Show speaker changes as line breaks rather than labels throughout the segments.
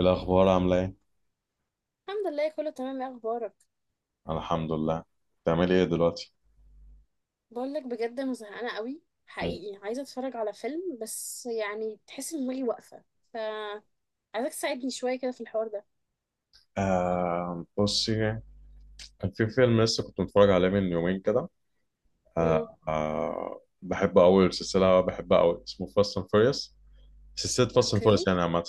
الأخبار عاملة إيه؟
الحمد لله، كله تمام. ايه اخبارك؟
الحمد لله. بتعملي إيه دلوقتي؟
بقول لك بجد، انا زهقانه قوي،
مم.
حقيقي. عايزه اتفرج على فيلم، بس يعني تحس ان دماغي واقفه. ف عايزك تساعدني شويه كده في الحوار ده.
بصي، كان في فيلم لسه كنت متفرج عليه من يومين كده.
امم.
بحب أوي السلسلة، بحبها أوي، اسمه فاست أند فيريوس. سلسلة فاست أند فيريوس
اوكي.
يعني عامة.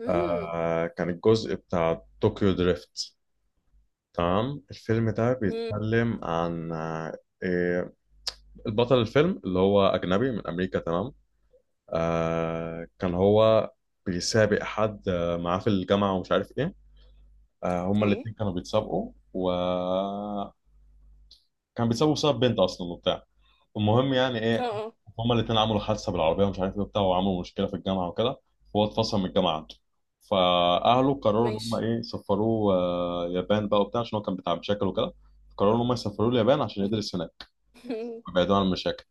امم.
كان الجزء بتاع طوكيو دريفت. تمام، الفيلم ده
امم.
بيتكلم عن آه إيه، البطل الفيلم اللي هو أجنبي من أمريكا، تمام. كان هو بيسابق حد معاه في الجامعة ومش عارف إيه. هما
اوكي.
الاتنين كانوا بيتسابقوا، بيتسابقوا بسبب بنت اصلا وبتاع. المهم يعني
اه
ايه،
اه.
هما الاتنين عملوا حادثه بالعربيه ومش عارف ايه وبتاع، وعملوا مشكله في الجامعه وكده. فهو اتفصل من الجامعه عنده. فاهله قرروا ان هما
ماشي.
ايه، سفروه اليابان بقى وبتاع عشان هو كان بتاع مشاكل وكده. قرروا ان هما يسافروه اليابان عشان يدرس هناك ويبعدوا عن المشاكل.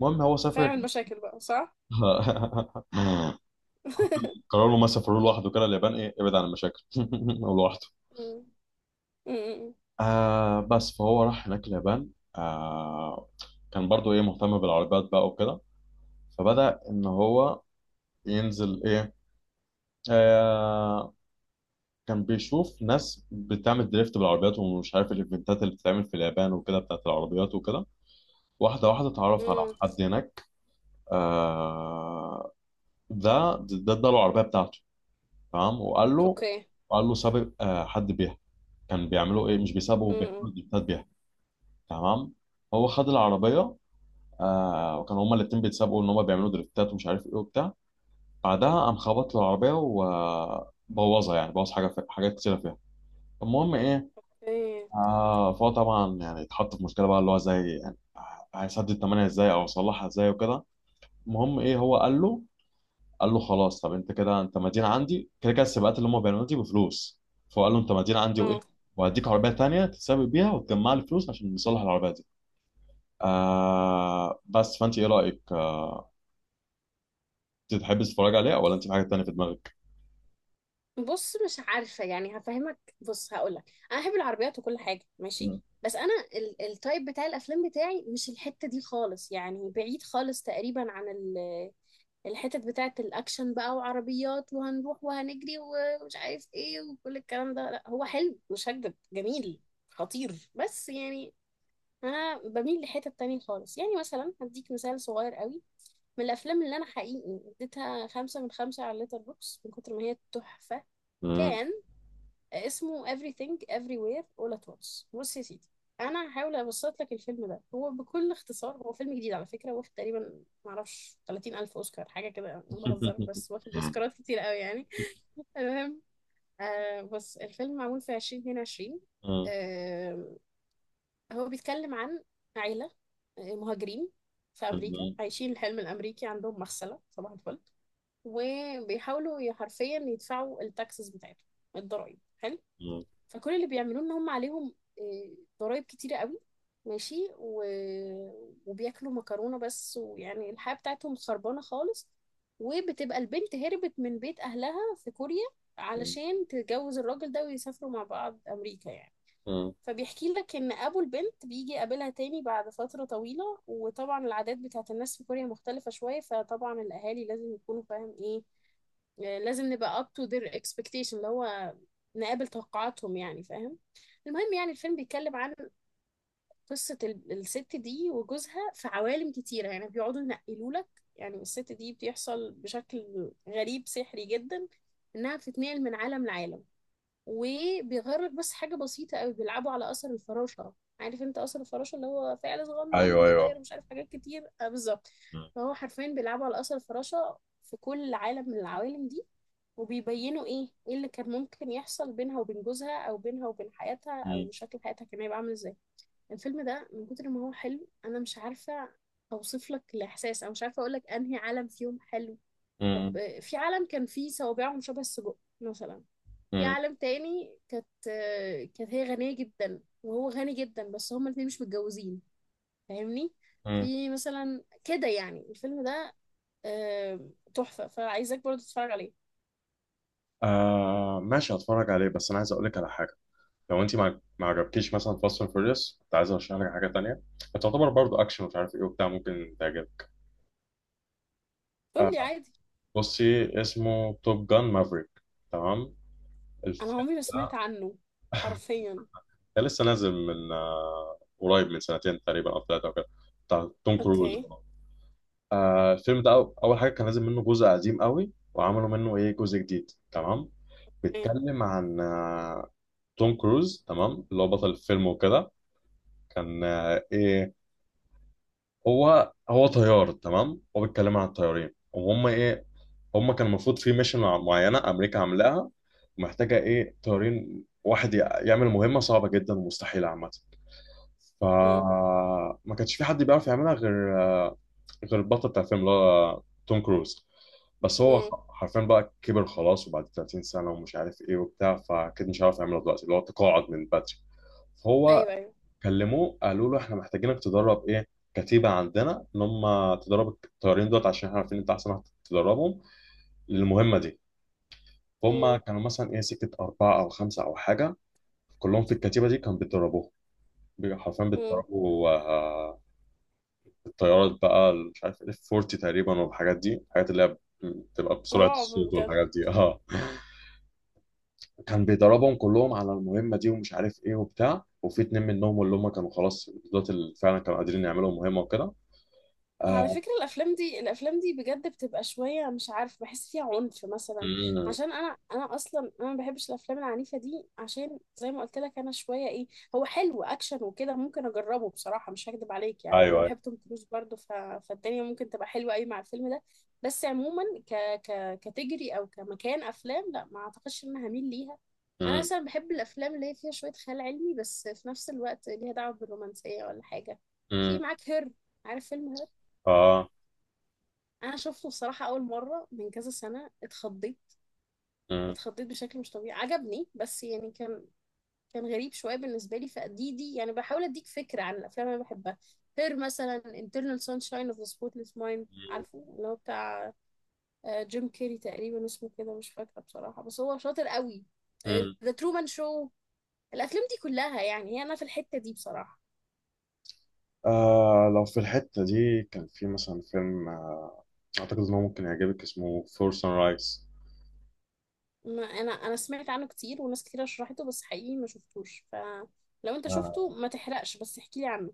المهم هو
فاهم
سافر.
المشاكل بقى، صح؟
قرروا ان هما يسافروه لوحده كده اليابان، ايه، ابعد عن المشاكل. لوحده.
امم. امم. أمم.
بس فهو راح هناك اليابان. آه كان برضو ايه، مهتم بالعربيات بقى وكده. فبدأ ان هو ينزل ايه، آه كان بيشوف ناس بتعمل دريفت بالعربيات ومش عارف الايفنتات اللي بتتعمل في اليابان وكده بتاعت العربيات وكده. واحدة واحدة اتعرف على
أمم.
حد هناك. آه ده اداله العربية بتاعته، تمام.
اوكي.
وقال له سابق حد بيها. كان بيعملوا ايه، مش بيسابقوا،
امم.
بيعملوا دريفتات بيها، تمام. هو خد العربية، وكانوا هما الاتنين بيتسابقوا، ان هما بيعملوا دريفتات ومش عارف ايه وبتاع. بعدها قام خبط له العربيه وبوظها، يعني بوظ حاجه، في حاجات كتيره فيها. المهم ايه،
اوكي.
فهو طبعا يعني اتحط في مشكله بقى، اللي هو زي يعني هيسدد الثمانيه ازاي او يصلحها ازاي وكده. المهم ايه، هو قال له قال له خلاص، طب انت كده انت مدين عندي، كده السباقات اللي هما بيعملوها دي بفلوس. فهو قال له انت مدين عندي وايه،
اه.
وهديك عربيه تانيه تتسابق بيها وتجمع لي فلوس عشان نصلح العربيه دي. بس فانت ايه رايك انت تحبي تتفرج عليه ولا انت في حاجه تانيه في دماغك؟
بص، مش عارفة يعني. هفهمك. بص، هقولك: أنا أحب العربيات وكل حاجة،
مم.
ماشي. بس أنا التايب بتاع الأفلام بتاعي مش الحتة دي خالص، يعني بعيد خالص تقريبا عن الحتت بتاعة الأكشن بقى، وعربيات، وهنروح وهنجري ومش عارف إيه وكل الكلام ده. لا هو حلو، مش هكدب، جميل، خطير، بس يعني أنا بميل لحتة تانية خالص. يعني مثلا هديك مثال صغير قوي: من الأفلام اللي أنا حقيقي اديتها خمسة من خمسة على ليتر بوكس من كتر ما هي تحفة،
مم.
كان اسمه Everything Everywhere All at Once. بص يا سيدي، انا هحاول ابسط لك الفيلم ده. هو بكل اختصار هو فيلم جديد على فكره، واخد تقريبا معرفش 30 الف اوسكار، حاجه كده. انا بهزر، بس واخد اوسكارات كتير قوي يعني. المهم، بص الفيلم معمول في 2022.
مم.
آه هو بيتكلم عن عيله مهاجرين في امريكا،
مم.
عايشين الحلم الامريكي، عندهم مغسله صباح الفل، وبيحاولوا حرفيا يدفعوا التاكسز بتاعتهم، الضرايب، حلو.
مم.
فكل اللي بيعملوه ان هم عليهم ضرائب كتيرة قوي، ماشي. وبياكلوا مكرونة بس، ويعني الحياة بتاعتهم خربانة خالص. وبتبقى البنت هربت من بيت أهلها في كوريا علشان تتجوز الراجل ده ويسافروا مع بعض أمريكا يعني.
مم.
فبيحكي لك إن أبو البنت بيجي يقابلها تاني بعد فترة طويلة، وطبعا العادات بتاعت الناس في كوريا مختلفة شوية، فطبعا الأهالي لازم يكونوا فاهم إيه. لازم نبقى up to their expectation، اللي هو نقابل توقعاتهم، يعني فاهم. المهم، يعني الفيلم بيتكلم عن قصة الست دي وجوزها في عوالم كتيرة. يعني بيقعدوا ينقلوا لك، يعني الست دي، بيحصل بشكل غريب سحري جدا انها بتتنقل من عالم لعالم، وبيغير لك بس حاجة بسيطة قوي. بيلعبوا على أثر الفراشة. عارف انت أثر الفراشة، اللي هو فعل صغنن
ايوه ايوه.
بيغير مش عارف حاجات كتير، آه بالظبط.
مم.
فهو حرفيا بيلعبوا على أثر الفراشة في كل عالم من العوالم دي، وبيبينوا ايه اللي كان ممكن يحصل بينها وبين جوزها، او بينها وبين حياتها،
مم.
او شكل حياتها كان هيبقى عامل ازاي. الفيلم ده من كتر ما هو حلو، انا مش عارفة اوصف لك الاحساس، او مش عارفة اقول لك انهي عالم فيهم حلو. طب
مم.
في عالم كان فيه صوابعهم شبه السجق مثلا. في
مم.
عالم تاني كانت هي غنية جدا وهو غني جدا، بس هما الاتنين مش متجوزين، فاهمني؟
مم.
في مثلا كده يعني. الفيلم ده آه، تحفة، فعايزاك برضه تتفرج عليه.
ماشي، هتفرج عليه، بس انا عايز اقول لك على حاجه. لو انت ما عجبكيش مثلا فاست اند فيوريوس، كنت عايز ارشح لك حاجه تانية، هتعتبر برضه اكشن مش عارف ايه وبتاع، ممكن تعجبك.
قول لي
آه
عادي.
بصي، اسمه توب جان مافريك، تمام.
انا
الفيلم
عمري ما سمعت
ده
عنه حرفيا.
ده لسه نازل من قريب من سنتين تقريبا او ثلاثه او كده، بتاع توم كروز.
اوكي.
الفيلم ده اول حاجه كان نازل منه جزء قديم قوي، وعملوا منه ايه، جزء جديد، تمام.
ايه.
بيتكلم عن توم كروز، تمام، اللي هو بطل الفيلم وكده. كان ايه، هو طيار، تمام. هو بيتكلم عن الطيارين، وهم ايه، هم كان المفروض في ميشن معينه امريكا عاملاها، ومحتاجه ايه، طيارين، واحد يعمل مهمه صعبه جدا ومستحيله عامه.
امم.
فما كانش في حد بيعرف يعملها غير البطل بتاع الفيلم، اللي هو توم كروز. بس هو
امم.
حرفيا بقى كبر خلاص، وبعد 30 سنة ومش عارف ايه وبتاع، فأكيد مش عارف يعملها دلوقتي، اللي هو تقاعد من بدري. فهو
ايوه ايوه.
كلموه قالوا له احنا محتاجينك تدرب ايه، كتيبة عندنا، ان هم تدرب الطيارين دول عشان احنا عارفين انت احسن واحد تدربهم للمهمة دي. فهم
امم.
كانوا مثلا ايه، سكة أربعة أو خمسة أو حاجة، كلهم في الكتيبة دي كانوا بيتدربوهم. حرفيا
امم.
بيتدربوا الطيارات بقى مش عارف اف 40 تقريبا، والحاجات دي، الحاجات اللي هي بتبقى بسرعه
رعب
الصوت
بجد.
والحاجات دي، اه. كان بيدربهم كلهم على المهمه دي ومش عارف ايه وبتاع، وفي اتنين منهم اللي هم كانوا خلاص دولت اللي فعلا كانوا قادرين يعملوا مهمه وكده.
على
آه.
فكرة، الأفلام دي الأفلام دي بجد بتبقى شوية مش عارف، بحس فيها عنف مثلا.
مم.
عشان أنا أصلا أنا ما بحبش الأفلام العنيفة دي، عشان زي ما قلت لك أنا شوية إيه. هو حلو، أكشن وكده، ممكن أجربه بصراحة، مش هكدب عليك، يعني أنا
ايوه ايوه.
بحب توم كروز برضه ف... فالدنيا ممكن تبقى حلوة أوي مع الفيلم ده. بس عموما كتجري أو كمكان أفلام، لا ما أعتقدش إن أنا هميل ليها. أنا
مم.
مثلا بحب الأفلام اللي هي فيها شوية خيال علمي، بس في نفس الوقت ليها دعوة بالرومانسية ولا حاجة. في
مم.
معاك هير، عارف فيلم؟
اه.
انا شفته بصراحه اول مره من كذا سنه، اتخضيت.
مم.
اتخضيت بشكل مش طبيعي. عجبني بس يعني كان غريب شويه بالنسبه لي. فدي يعني بحاول اديك فكره عن الافلام اللي انا بحبها. غير مثلا Internal Sunshine of the Spotless Mind، عارفه اللي هو بتاع جيم كيري، تقريبا اسمه كده مش فاكره بصراحه، بس هو شاطر قوي.
مم.
The Truman Show. الافلام دي كلها، يعني هي انا في الحته دي بصراحه.
لو في الحته دي، كان في مثلا فيلم اعتقد انه ممكن يعجبك، اسمه فور سان رايز.
ما انا سمعت عنه كتير وناس كتير شرحته، بس حقيقي ما شفتوش. فلو انت شفته ما تحرقش، بس احكي لي عنه.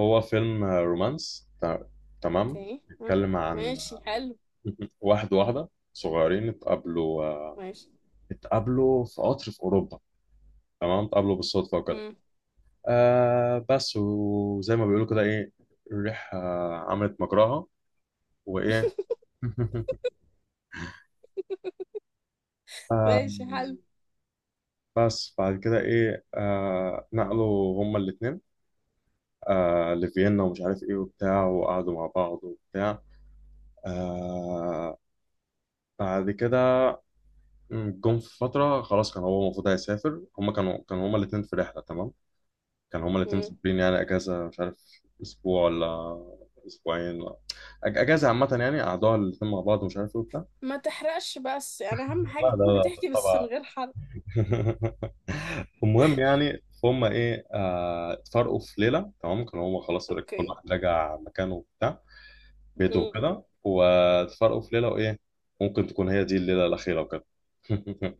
هو فيلم رومانس، تمام،
اوكي. ها.
بيتكلم عن
ماشي حلو.
واحد وواحدة صغيرين اتقابلوا
ماشي.
اتقابلوا في قطر في أوروبا، تمام. اتقابلوا بالصدفة وكده.
مم.
بس وزي ما بيقولوا كده ايه، الريحة عملت مجراها وإيه. آه
ماشي حلو.
بس بعد كده إيه نقلوا هما الاتنين لفيينا ومش عارف إيه وبتاع، وقعدوا مع بعض وبتاع. آه بعد كده، مم، جم في فترة خلاص كان هو المفروض هيسافر، هما كانوا هما الاتنين في رحلة، تمام. كانوا هما الاتنين
مم.
مسافرين، يعني أجازة، مش عارف أسبوع ولا أسبوعين ولا، أجازة عامة يعني قعدوها الاتنين مع بعض ومش عارف إيه وبتاع.
ما تحرقش، بس يعني اهم حاجة
لا لا
تكون
لا
بتحكي بس
طبعا.
من غير حرق.
المهم يعني، فهم إيه اتفرقوا في ليلة، تمام. كانوا هما خلاص كل
اوكي.
واحد راجع مكانه وبتاع، بيته
مم.
وكده، واتفرقوا في ليلة، وإيه، ممكن تكون هي دي الليلة الأخيرة وكده.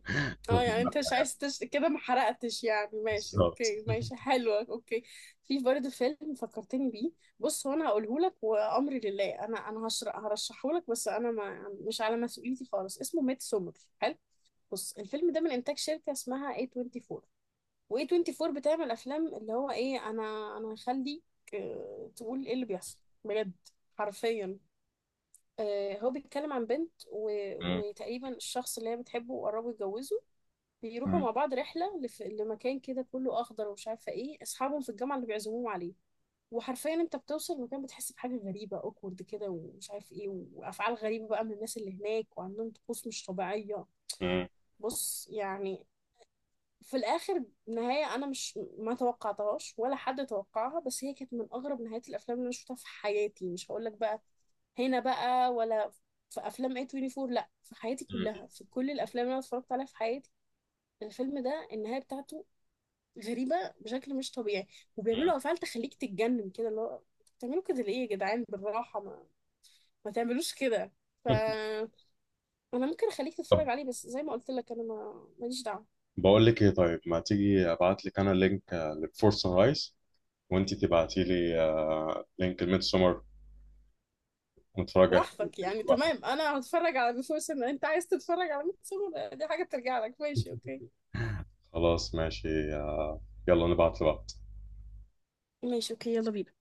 اه يعني انت مش عايز كده ما حرقتش يعني، ماشي
بالظبط.
اوكي، ماشي حلوة، اوكي. في برضه فيلم فكرتني بيه. بص هو انا هقوله لك وامري لله. انا هرشحه لك، بس انا ما مش على مسؤوليتي خالص. اسمه ميد سومر، حلو. بص الفيلم ده من انتاج شركة اسمها A24. واي 24 بتعمل افلام، اللي هو ايه. انا هخليك تقول ايه اللي بيحصل بجد، حرفيا. هو بيتكلم عن بنت وتقريبا الشخص اللي هي بتحبه، وقربوا يتجوزوا. بيروحوا
مم.
مع بعض رحله لمكان كده كله اخضر، ومش عارفه ايه، اصحابهم في الجامعه اللي بيعزموهم عليه. وحرفيا انت بتوصل المكان، بتحس بحاجه غريبه، اوكورد كده، ومش عارف ايه، وافعال غريبه بقى من الناس اللي هناك، وعندهم طقوس مش طبيعيه.
مم.
بص يعني في الاخر، نهايه انا مش ما توقعتهاش ولا حد توقعها، بس هي كانت من اغرب نهايات الافلام اللي انا شفتها في حياتي. مش هقول لك بقى. هنا بقى، ولا في افلام اي 24، لا في حياتي كلها،
مم.
في كل الافلام اللي انا اتفرجت عليها في حياتي، الفيلم ده النهايه بتاعته غريبه بشكل مش طبيعي.
مم.
وبيعملوا افعال تخليك تتجنن كده، اللي هو بتعملوا كده ليه يا جدعان؟ بالراحه ما تعملوش كده. فانا ممكن اخليك
طب،
تتفرج عليه، بس زي ما قلت لك انا ما ماليش دعوه.
بقول لك ايه، طيب ما تيجي ابعت لك انا لينك للفورس هايس، وانت تبعتي لي لينك الميد سمر، نتفرج احنا
براحتك
الاتنين
يعني،
كل واحد.
تمام. انا هتفرج على بيفور سن، انت عايز تتفرج على ميت سمر دي حاجة ترجع لك. ماشي اوكي،
خلاص ماشي يلا نبعت لبعض.
ماشي اوكي، يلا بينا.